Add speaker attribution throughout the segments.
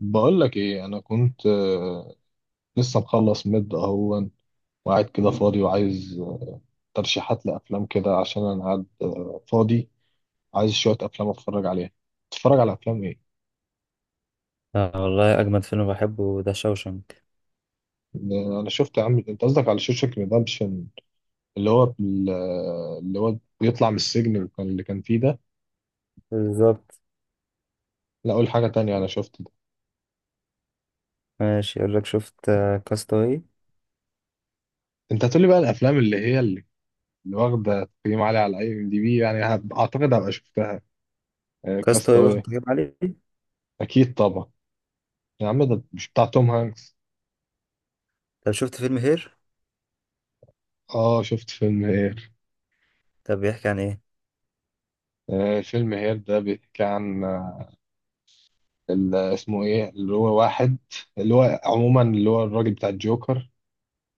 Speaker 1: بقول لك ايه، انا كنت لسه مخلص مد اهون وقاعد كده فاضي وعايز ترشيحات لافلام كده، عشان انا قاعد فاضي. عايز شويه افلام اتفرج عليها. تتفرج على افلام ايه؟
Speaker 2: آه والله أجمد فيلم بحبه ده شوشنك.
Speaker 1: ده انا شفت يا عم. انت قصدك على شوشك ريدمبشن، اللي هو اللي هو بيطلع من السجن اللي كان فيه ده.
Speaker 2: بالظبط.
Speaker 1: لا اقول حاجه تانية، انا شفت ده.
Speaker 2: ماشي، يقول لك شفت كاستاوي.
Speaker 1: انت هتقولي بقى الافلام اللي هي اللي واخده تقييم عالي على اي ام دي بي يعني، اعتقد هبقى شفتها.
Speaker 2: كاستاوي واخد
Speaker 1: كاستاوي
Speaker 2: تقييم عالي.
Speaker 1: اكيد طبعا. يا عم ده مش بتاع توم هانكس؟
Speaker 2: طب شفت فيلم هير؟
Speaker 1: اه شفت فيلم هير.
Speaker 2: طب بيحكي عن إيه؟
Speaker 1: آه فيلم هير ده بيحكي عن اسمه ايه، اللي هو واحد اللي هو عموما اللي هو الراجل بتاع الجوكر.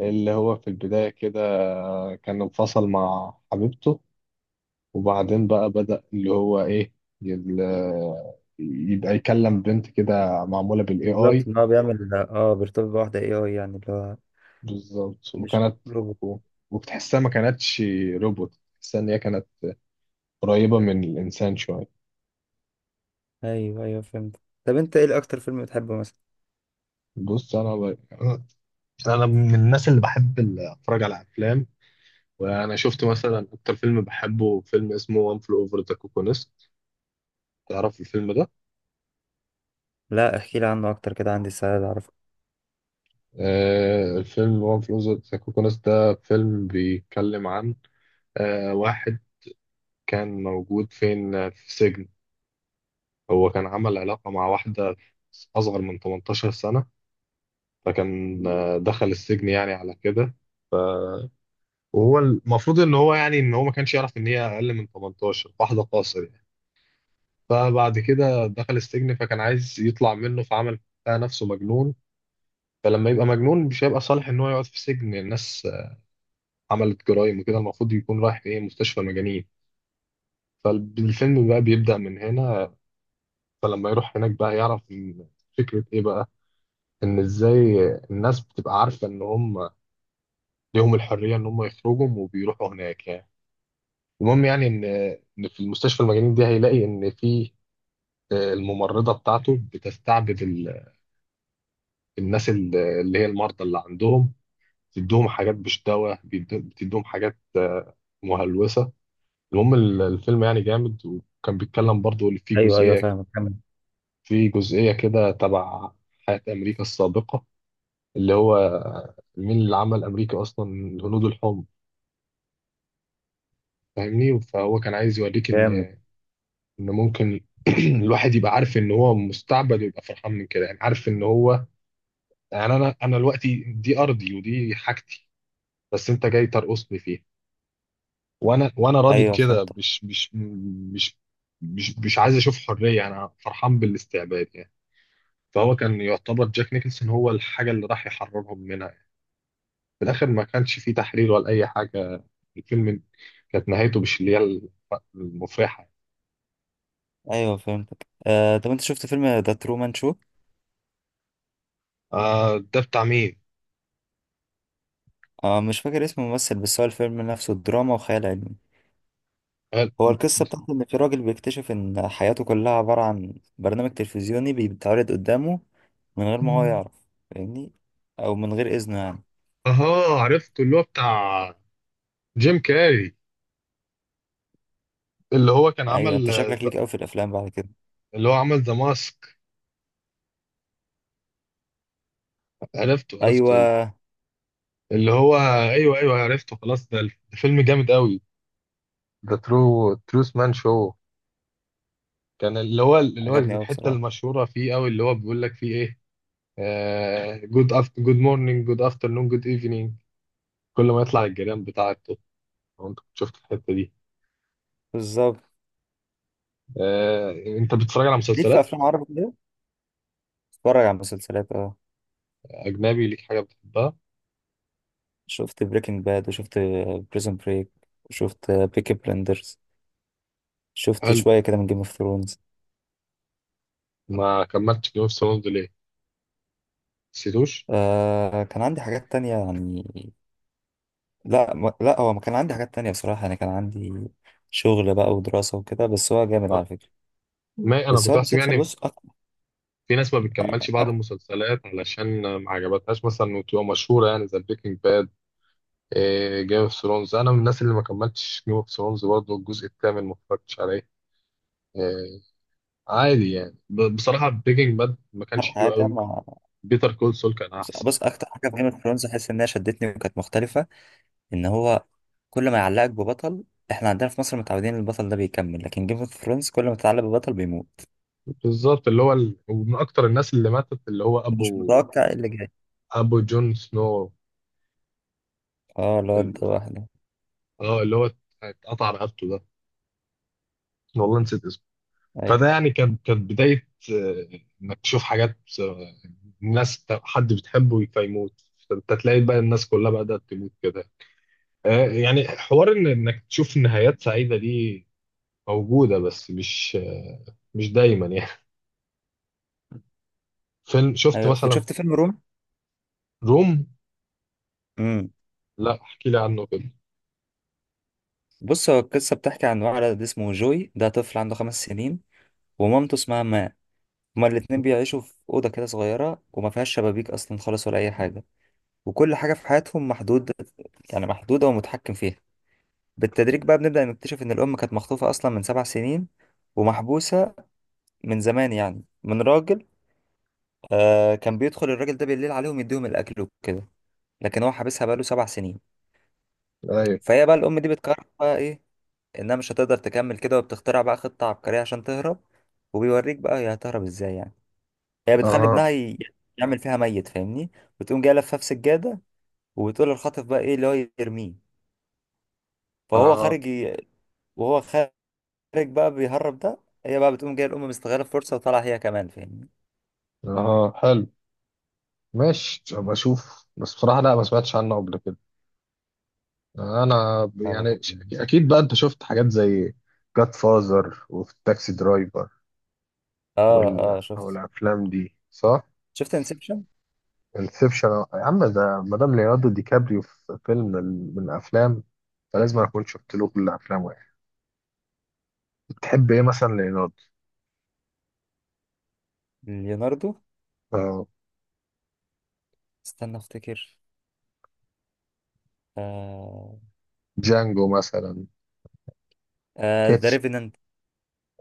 Speaker 1: اللي هو في البداية كده كان انفصل مع حبيبته. وبعدين بقى بدأ اللي هو ايه، يبقى يكلم بنت كده معمولة بالاي
Speaker 2: بالظبط،
Speaker 1: اي.
Speaker 2: إن هو بيعمل بيرتبط بواحدة اي اي، يعني اللي هو
Speaker 1: بالظبط،
Speaker 2: مش
Speaker 1: وكانت
Speaker 2: روبوت.
Speaker 1: و- وبتحسها ما كانتش روبوت، تحسها ان هي كانت قريبة من الانسان شوية.
Speaker 2: أيوه أيوه، فهمت. طب أنت إيه أكتر فيلم بتحبه مثلا؟
Speaker 1: بص انا بقى انا من الناس اللي بحب اتفرج على افلام، وانا شفت مثلا اكتر فيلم بحبه فيلم اسمه وان فلو اوفر ذا كوكونست. تعرف الفيلم ده؟
Speaker 2: لا احكي لي عنه أكتر كده، عندي استعداد أعرفه.
Speaker 1: آه، الفيلم وان فلو اوفر ذا كوكونست ده فيلم بيتكلم عن واحد كان موجود فين، في سجن. هو كان عمل علاقة مع واحدة اصغر من 18 سنة، فكان دخل السجن يعني على كده. وهو المفروض ان هو يعني ان هو ما كانش يعرف ان هي اقل من 18، واحدة قاصر. فبعد كده دخل السجن، فكان عايز يطلع منه، فعمل بتاع نفسه مجنون. فلما يبقى مجنون مش هيبقى صالح ان هو يقعد في السجن، الناس عملت جرائم وكده المفروض يكون رايح ايه، مستشفى مجانين. فالفيلم بقى بيبدأ من هنا. فلما يروح هناك بقى يعرف إن فكرة ايه بقى، ان ازاي الناس بتبقى عارفة ان هم ليهم الحرية ان هم يخرجوا وبيروحوا هناك يعني. المهم يعني ان إن في المستشفى المجانين دي هيلاقي ان في الممرضة بتاعته بتستعبد الناس، اللي هي المرضى اللي عندهم، بتدوهم حاجات مش دواء، بتدوهم حاجات مهلوسة. المهم الفيلم يعني جامد، وكان بيتكلم برضو اللي فيه
Speaker 2: أيوه أيوه،
Speaker 1: جزئية.
Speaker 2: فاهمك، كمل.
Speaker 1: في جزئية كده تبع حياة أمريكا السابقة، اللي هو مين اللي عمل أمريكا أصلا، الهنود الحمر. فاهمني؟ فهو كان عايز يوريك إن
Speaker 2: جامد.
Speaker 1: إن ممكن الواحد يبقى عارف إن هو مستعبد ويبقى فرحان من كده يعني، عارف إن هو يعني أنا دلوقتي دي أرضي ودي حاجتي، بس أنت جاي ترقصني فيها وانا راضي
Speaker 2: أيوه
Speaker 1: بكده،
Speaker 2: فهمتك.
Speaker 1: مش مش عايز اشوف حريه يعني، انا فرحان بالاستعباد يعني. فهو كان يعتبر جاك نيكلسون هو الحاجه اللي راح يحررهم منها يعني. في الاخر ما كانش فيه تحرير ولا اي حاجه، الفيلم كانت نهايته مش اللي هي المفرحه.
Speaker 2: أيوه فهمتك. آه طب أنت شفت فيلم ذا ترومان شو؟
Speaker 1: آه ده بتاع مين؟
Speaker 2: آه مش فاكر اسم الممثل، بس هو الفيلم نفسه دراما وخيال علمي.
Speaker 1: قال-
Speaker 2: هو القصة بتاعت إن في راجل بيكتشف إن حياته كلها عبارة عن برنامج تلفزيوني بيتعرض قدامه من غير ما هو يعرف، فاهمني، أو من غير إذنه يعني.
Speaker 1: اها عرفت، اللي هو بتاع جيم كاري، اللي هو كان
Speaker 2: أيوة
Speaker 1: عمل،
Speaker 2: أنت شكلك ليك أوي في الأفلام بعد كده.
Speaker 1: اللي هو عمل ذا ماسك. عرفته، عرفته.
Speaker 2: أيوة
Speaker 1: اللي هو ايوه ايوه عرفته خلاص، ده فيلم جامد قوي. ذا ترو تروس مان شو، كان اللي هو
Speaker 2: عجبني أوي
Speaker 1: الحته
Speaker 2: بصراحة.
Speaker 1: المشهوره فيه قوي، اللي هو بيقول لك فيه ايه، جود أفت جود مورنينج جود افترنون جود ايفنينج، كل ما يطلع الجيران بتاعته. لو انت كنت شفت الحته دي.
Speaker 2: بالظبط.
Speaker 1: آه، انت بتتفرج على
Speaker 2: ليك في
Speaker 1: مسلسلات
Speaker 2: أفلام عربي كده؟ اتفرج على مسلسلات أه.
Speaker 1: اجنبي؟ ليك حاجه بتحبها؟
Speaker 2: شفت بريكنج باد، وشفت بريزون بريك، وشفت بيكي بلندرز، شفت
Speaker 1: هل
Speaker 2: شوية كده من جيم اوف ثرونز.
Speaker 1: ما كملتش جيم اوف ثرونز ليه؟ نسيتوش؟
Speaker 2: آه كان عندي حاجات تانية يعني. لا لا هو ما كان عندي حاجات تانية بصراحة، أنا كان عندي شغل بقى ودراسة وكده، بس هو جامد
Speaker 1: آه.
Speaker 2: على فكرة.
Speaker 1: ما انا
Speaker 2: بس
Speaker 1: كنت
Speaker 2: هو
Speaker 1: احسب
Speaker 2: المسلسل
Speaker 1: يعني
Speaker 2: بص أكتر.
Speaker 1: في ناس ما بتكملش بعض
Speaker 2: أكتر
Speaker 1: المسلسلات علشان ما عجبتهاش مثلا وتبقى مشهوره يعني زي بريكنج باد. جيم اوف ثرونز، انا من الناس اللي ما كملتش جيم اوف ثرونز برضه، الجزء الثامن ما اتفرجتش عليه آه، عادي يعني. بصراحه بريكنج باد ما كانش حلو
Speaker 2: حاجة
Speaker 1: قوي،
Speaker 2: ما
Speaker 1: بيتر كول سول كان احسن.
Speaker 2: بص أكتر حاجة في جيم اوف ثرونز أحس إنها شدتني وكانت مختلفة، إن هو كل ما يعلقك ببطل، إحنا عندنا في مصر متعودين إن البطل ده بيكمل، لكن جيم اوف ثرونز كل ما تتعلق ببطل بيموت.
Speaker 1: بالظبط اللي هو ومن اكتر الناس اللي ماتت اللي هو
Speaker 2: مش
Speaker 1: ابو،
Speaker 2: متوقع إيه اللي جاي.
Speaker 1: جون سنو،
Speaker 2: أه الواد ده
Speaker 1: ال...
Speaker 2: واحدة.
Speaker 1: اه اللي هو اتقطع رقبته ده، والله نسيت اسمه. فده
Speaker 2: أيوه
Speaker 1: يعني كانت بدايه انك تشوف حاجات الناس حد بتحبه فيموت، فانت تلاقي بقى الناس كلها بدأت تموت كده. يعني حوار إن انك تشوف نهايات سعيدة دي موجودة، بس مش مش دايما يعني. فيلم شفت
Speaker 2: أيوه.
Speaker 1: مثلا
Speaker 2: شفت فيلم روم؟
Speaker 1: روم.
Speaker 2: امم.
Speaker 1: لا احكي لي عنه كده.
Speaker 2: بص هو القصة بتحكي عن ولد اسمه جوي، ده طفل عنده 5 سنين، ومامته اسمها ماري. هما الاتنين بيعيشوا في أوضة كده صغيرة، وما فيهاش شبابيك أصلا خالص ولا أي حاجة، وكل حاجة في حياتهم محدود، يعني محدودة ومتحكم فيها. بالتدريج بقى بنبدأ نكتشف إن الأم كانت مخطوفة أصلا من 7 سنين ومحبوسة من زمان، يعني من راجل. آه كان بيدخل الراجل ده بالليل عليهم يديهم الأكل وكده، لكن هو حابسها بقاله 7 سنين.
Speaker 1: ايوه،
Speaker 2: فهي بقى الأم دي بتقرر بقى إيه، إنها مش هتقدر تكمل كده، وبتخترع بقى خطة عبقرية عشان تهرب. وبيوريك بقى هي هتهرب إزاي يعني. هي بتخلي
Speaker 1: اها
Speaker 2: ابنها يعمل فيها ميت فاهمني، وتقوم جايه لفاه في سجاده، وتقول للخاطف بقى ايه اللي هو يرميه. فهو
Speaker 1: اها
Speaker 2: وهو خارج بقى بيهرب ده، هي بقى بتقوم جايه الام مستغله الفرصه وطالعه هي كمان، فاهمني.
Speaker 1: اها حلو. ماشي ابقى اشوف، بس بصراحه لا ما سمعتش عنه قبل كده.
Speaker 2: لا، بفكر.
Speaker 1: يعني اكيد بقى انت شفت حاجات زي جاد فازر وفي تاكسي درايفر
Speaker 2: اه اه
Speaker 1: او
Speaker 2: شفت.
Speaker 1: الافلام دي صح.
Speaker 2: شفت انسبشن.
Speaker 1: انسبشن يا عم ده مدام ليوناردو دي كابريو في فيلم من افلام، فلازم اكون شفت له كل افلامه يعني. بتحب ايه مثلا ليوناردو؟
Speaker 2: ليوناردو؟
Speaker 1: آه،
Speaker 2: استنى افتكر. آه.
Speaker 1: جانجو مثلا.
Speaker 2: آه ذا
Speaker 1: كاتش.
Speaker 2: ريفينانت.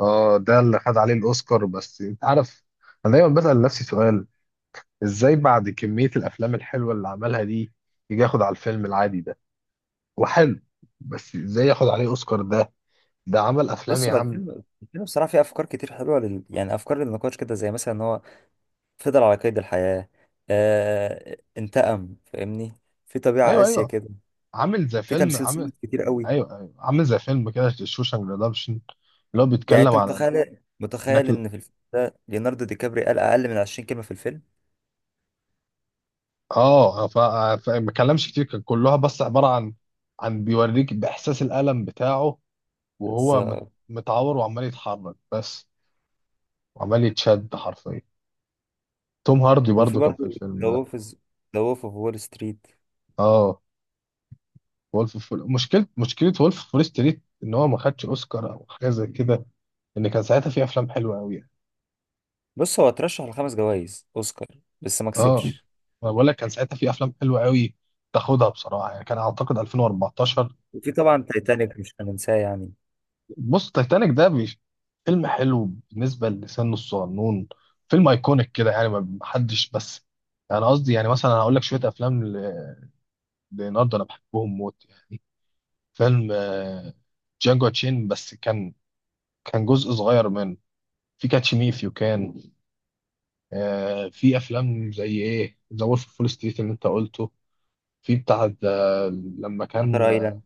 Speaker 1: اه ده اللي خد عليه الاوسكار، بس انت عارف انا دايما بسأل نفسي سؤال، ازاي بعد كمية الافلام الحلوة اللي عملها دي يجي ياخد على الفيلم العادي ده؟ وحلو، بس ازاي ياخد عليه اوسكار ده؟ ده عمل افلام
Speaker 2: بص
Speaker 1: يا
Speaker 2: هو
Speaker 1: عم.
Speaker 2: الفيلم بصراحه فيه افكار كتير حلوه لل... يعني افكار للنقاش كده، زي مثلا ان هو فضل على قيد الحياه، آه انتقم، فاهمني. في طبيعه
Speaker 1: ايوه
Speaker 2: قاسيه
Speaker 1: ايوه
Speaker 2: كده.
Speaker 1: عامل زي
Speaker 2: في
Speaker 1: فيلم،
Speaker 2: تمثيل
Speaker 1: عامل،
Speaker 2: صامت كتير قوي.
Speaker 1: ايوه ايوه عامل زي فيلم كده شوشانك ريدمشن، اللي هو
Speaker 2: يعني
Speaker 1: بيتكلم
Speaker 2: انت
Speaker 1: على
Speaker 2: متخيل
Speaker 1: انك
Speaker 2: متخيل
Speaker 1: اه،
Speaker 2: ان في الفيلم ده ليوناردو دي كابري قال اقل من 20 كلمه في الفيلم
Speaker 1: ما اتكلمش كتير، كان كلها بس عباره عن، عن بيوريك باحساس الالم بتاعه،
Speaker 2: بس.
Speaker 1: وهو متعور وعمال يتحرك بس، وعمال يتشد حرفيا. توم هاردي
Speaker 2: وفي
Speaker 1: برضو كان
Speaker 2: برضه
Speaker 1: في الفيلم ده.
Speaker 2: ذا وولف اوف وول ستريت.
Speaker 1: اه مشكله وولف فول ستريت ان هو ما خدش اوسكار او حاجه زي كده، ان كان ساعتها في افلام حلوه قوي يعني.
Speaker 2: بص هو اترشح لخمس جوائز اوسكار بس ما
Speaker 1: اه
Speaker 2: كسبش.
Speaker 1: انا بقول لك كان ساعتها في افلام حلوه قوي تاخدها بصراحه، يعني كان اعتقد 2014.
Speaker 2: وفي طبعا تايتانيك مش هننساه يعني.
Speaker 1: بص تايتانيك ده فيلم حلو بالنسبة لسنه الصغنون، فيلم ايكونيك كده يعني ما حدش. بس انا قصدي يعني مثلا هقول لك شوية افلام ليوناردو انا بحبهم موت يعني. فيلم جانجو تشين بس كان كان جزء صغير منه. في كاتش مي إف يو كان في افلام زي ايه، ذا وولف فول ستريت اللي انت قلته. في بتاع ده لما
Speaker 2: شاتر
Speaker 1: كان،
Speaker 2: ايلاند.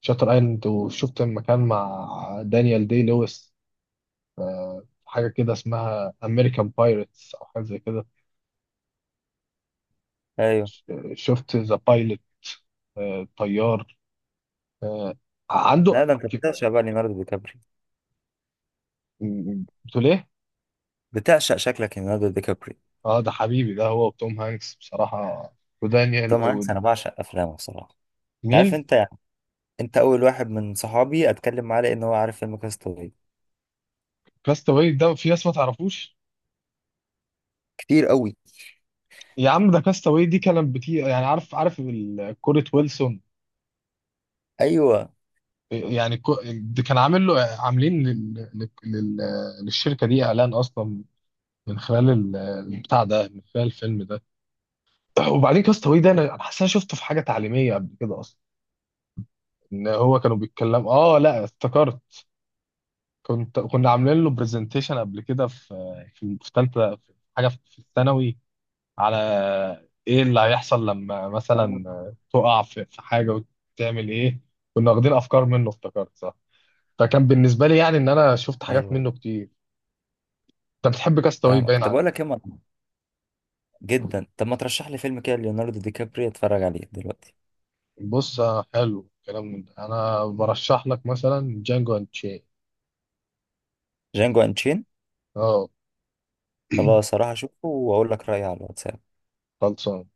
Speaker 1: شاتر ايلاند. وشفت لما كان مع دانيال دي لويس حاجة كده اسمها أمريكان بايرتس أو حاجة زي كده.
Speaker 2: ايوه.
Speaker 1: شفت ذا بايلوت؟ طيار آه،
Speaker 2: لا
Speaker 1: عنده.
Speaker 2: ده انت
Speaker 1: ك-
Speaker 2: بتعشق بقى ليوناردو دي كابري.
Speaker 1: بتقول إيه؟
Speaker 2: بتعشق شكلك ليوناردو دي كابري.
Speaker 1: أه ده حبيبي ده، هو وتوم هانكس بصراحة، ودانيال.
Speaker 2: توم هانكس انا بعشق افلامه بصراحه. انت عارف
Speaker 1: ومين؟
Speaker 2: انت يعني، انت اول واحد من صحابي اتكلم معاه لان هو عارف فيلم كاستاوي.
Speaker 1: كاستاوي ده في ناس ما تعرفوش.
Speaker 2: كتير قوي.
Speaker 1: يا عم ده كاستاوي دي كانت بتي يعني، عارف، عارف كرة ويلسون.
Speaker 2: ايوه
Speaker 1: يعني ده كان عامل له، عاملين للشركة دي إعلان أصلا، من خلال البتاع ده، من خلال الفيلم ده. وبعدين كاست اواي ده انا حاسس إن انا شفته في حاجه تعليميه قبل كده اصلا، ان هو كانوا بيتكلموا اه لا افتكرت. كنا عاملين له برزنتيشن قبل كده في في ثالثه، في حاجه، في الثانوي، على ايه اللي هيحصل لما مثلا تقع في حاجه وتعمل ايه. كنا واخدين افكار منه افتكرت صح. فكان بالنسبه لي يعني ان انا شفت حاجات
Speaker 2: ايوه
Speaker 1: منه كتير. انت بتحب كاستاوي
Speaker 2: فاهمك.
Speaker 1: باين
Speaker 2: طب اقول
Speaker 1: عليك.
Speaker 2: لك ايه جدا، طب ما ترشح لي فيلم كده ليوناردو دي كابري اتفرج عليه دلوقتي.
Speaker 1: بص حلو الكلام من ده، انا برشح لك مثلا جانجو اند تشين.
Speaker 2: جانجو انشين.
Speaker 1: اه
Speaker 2: خلاص هروح اشوفه واقول لك رايي على الواتساب.
Speaker 1: خلصان.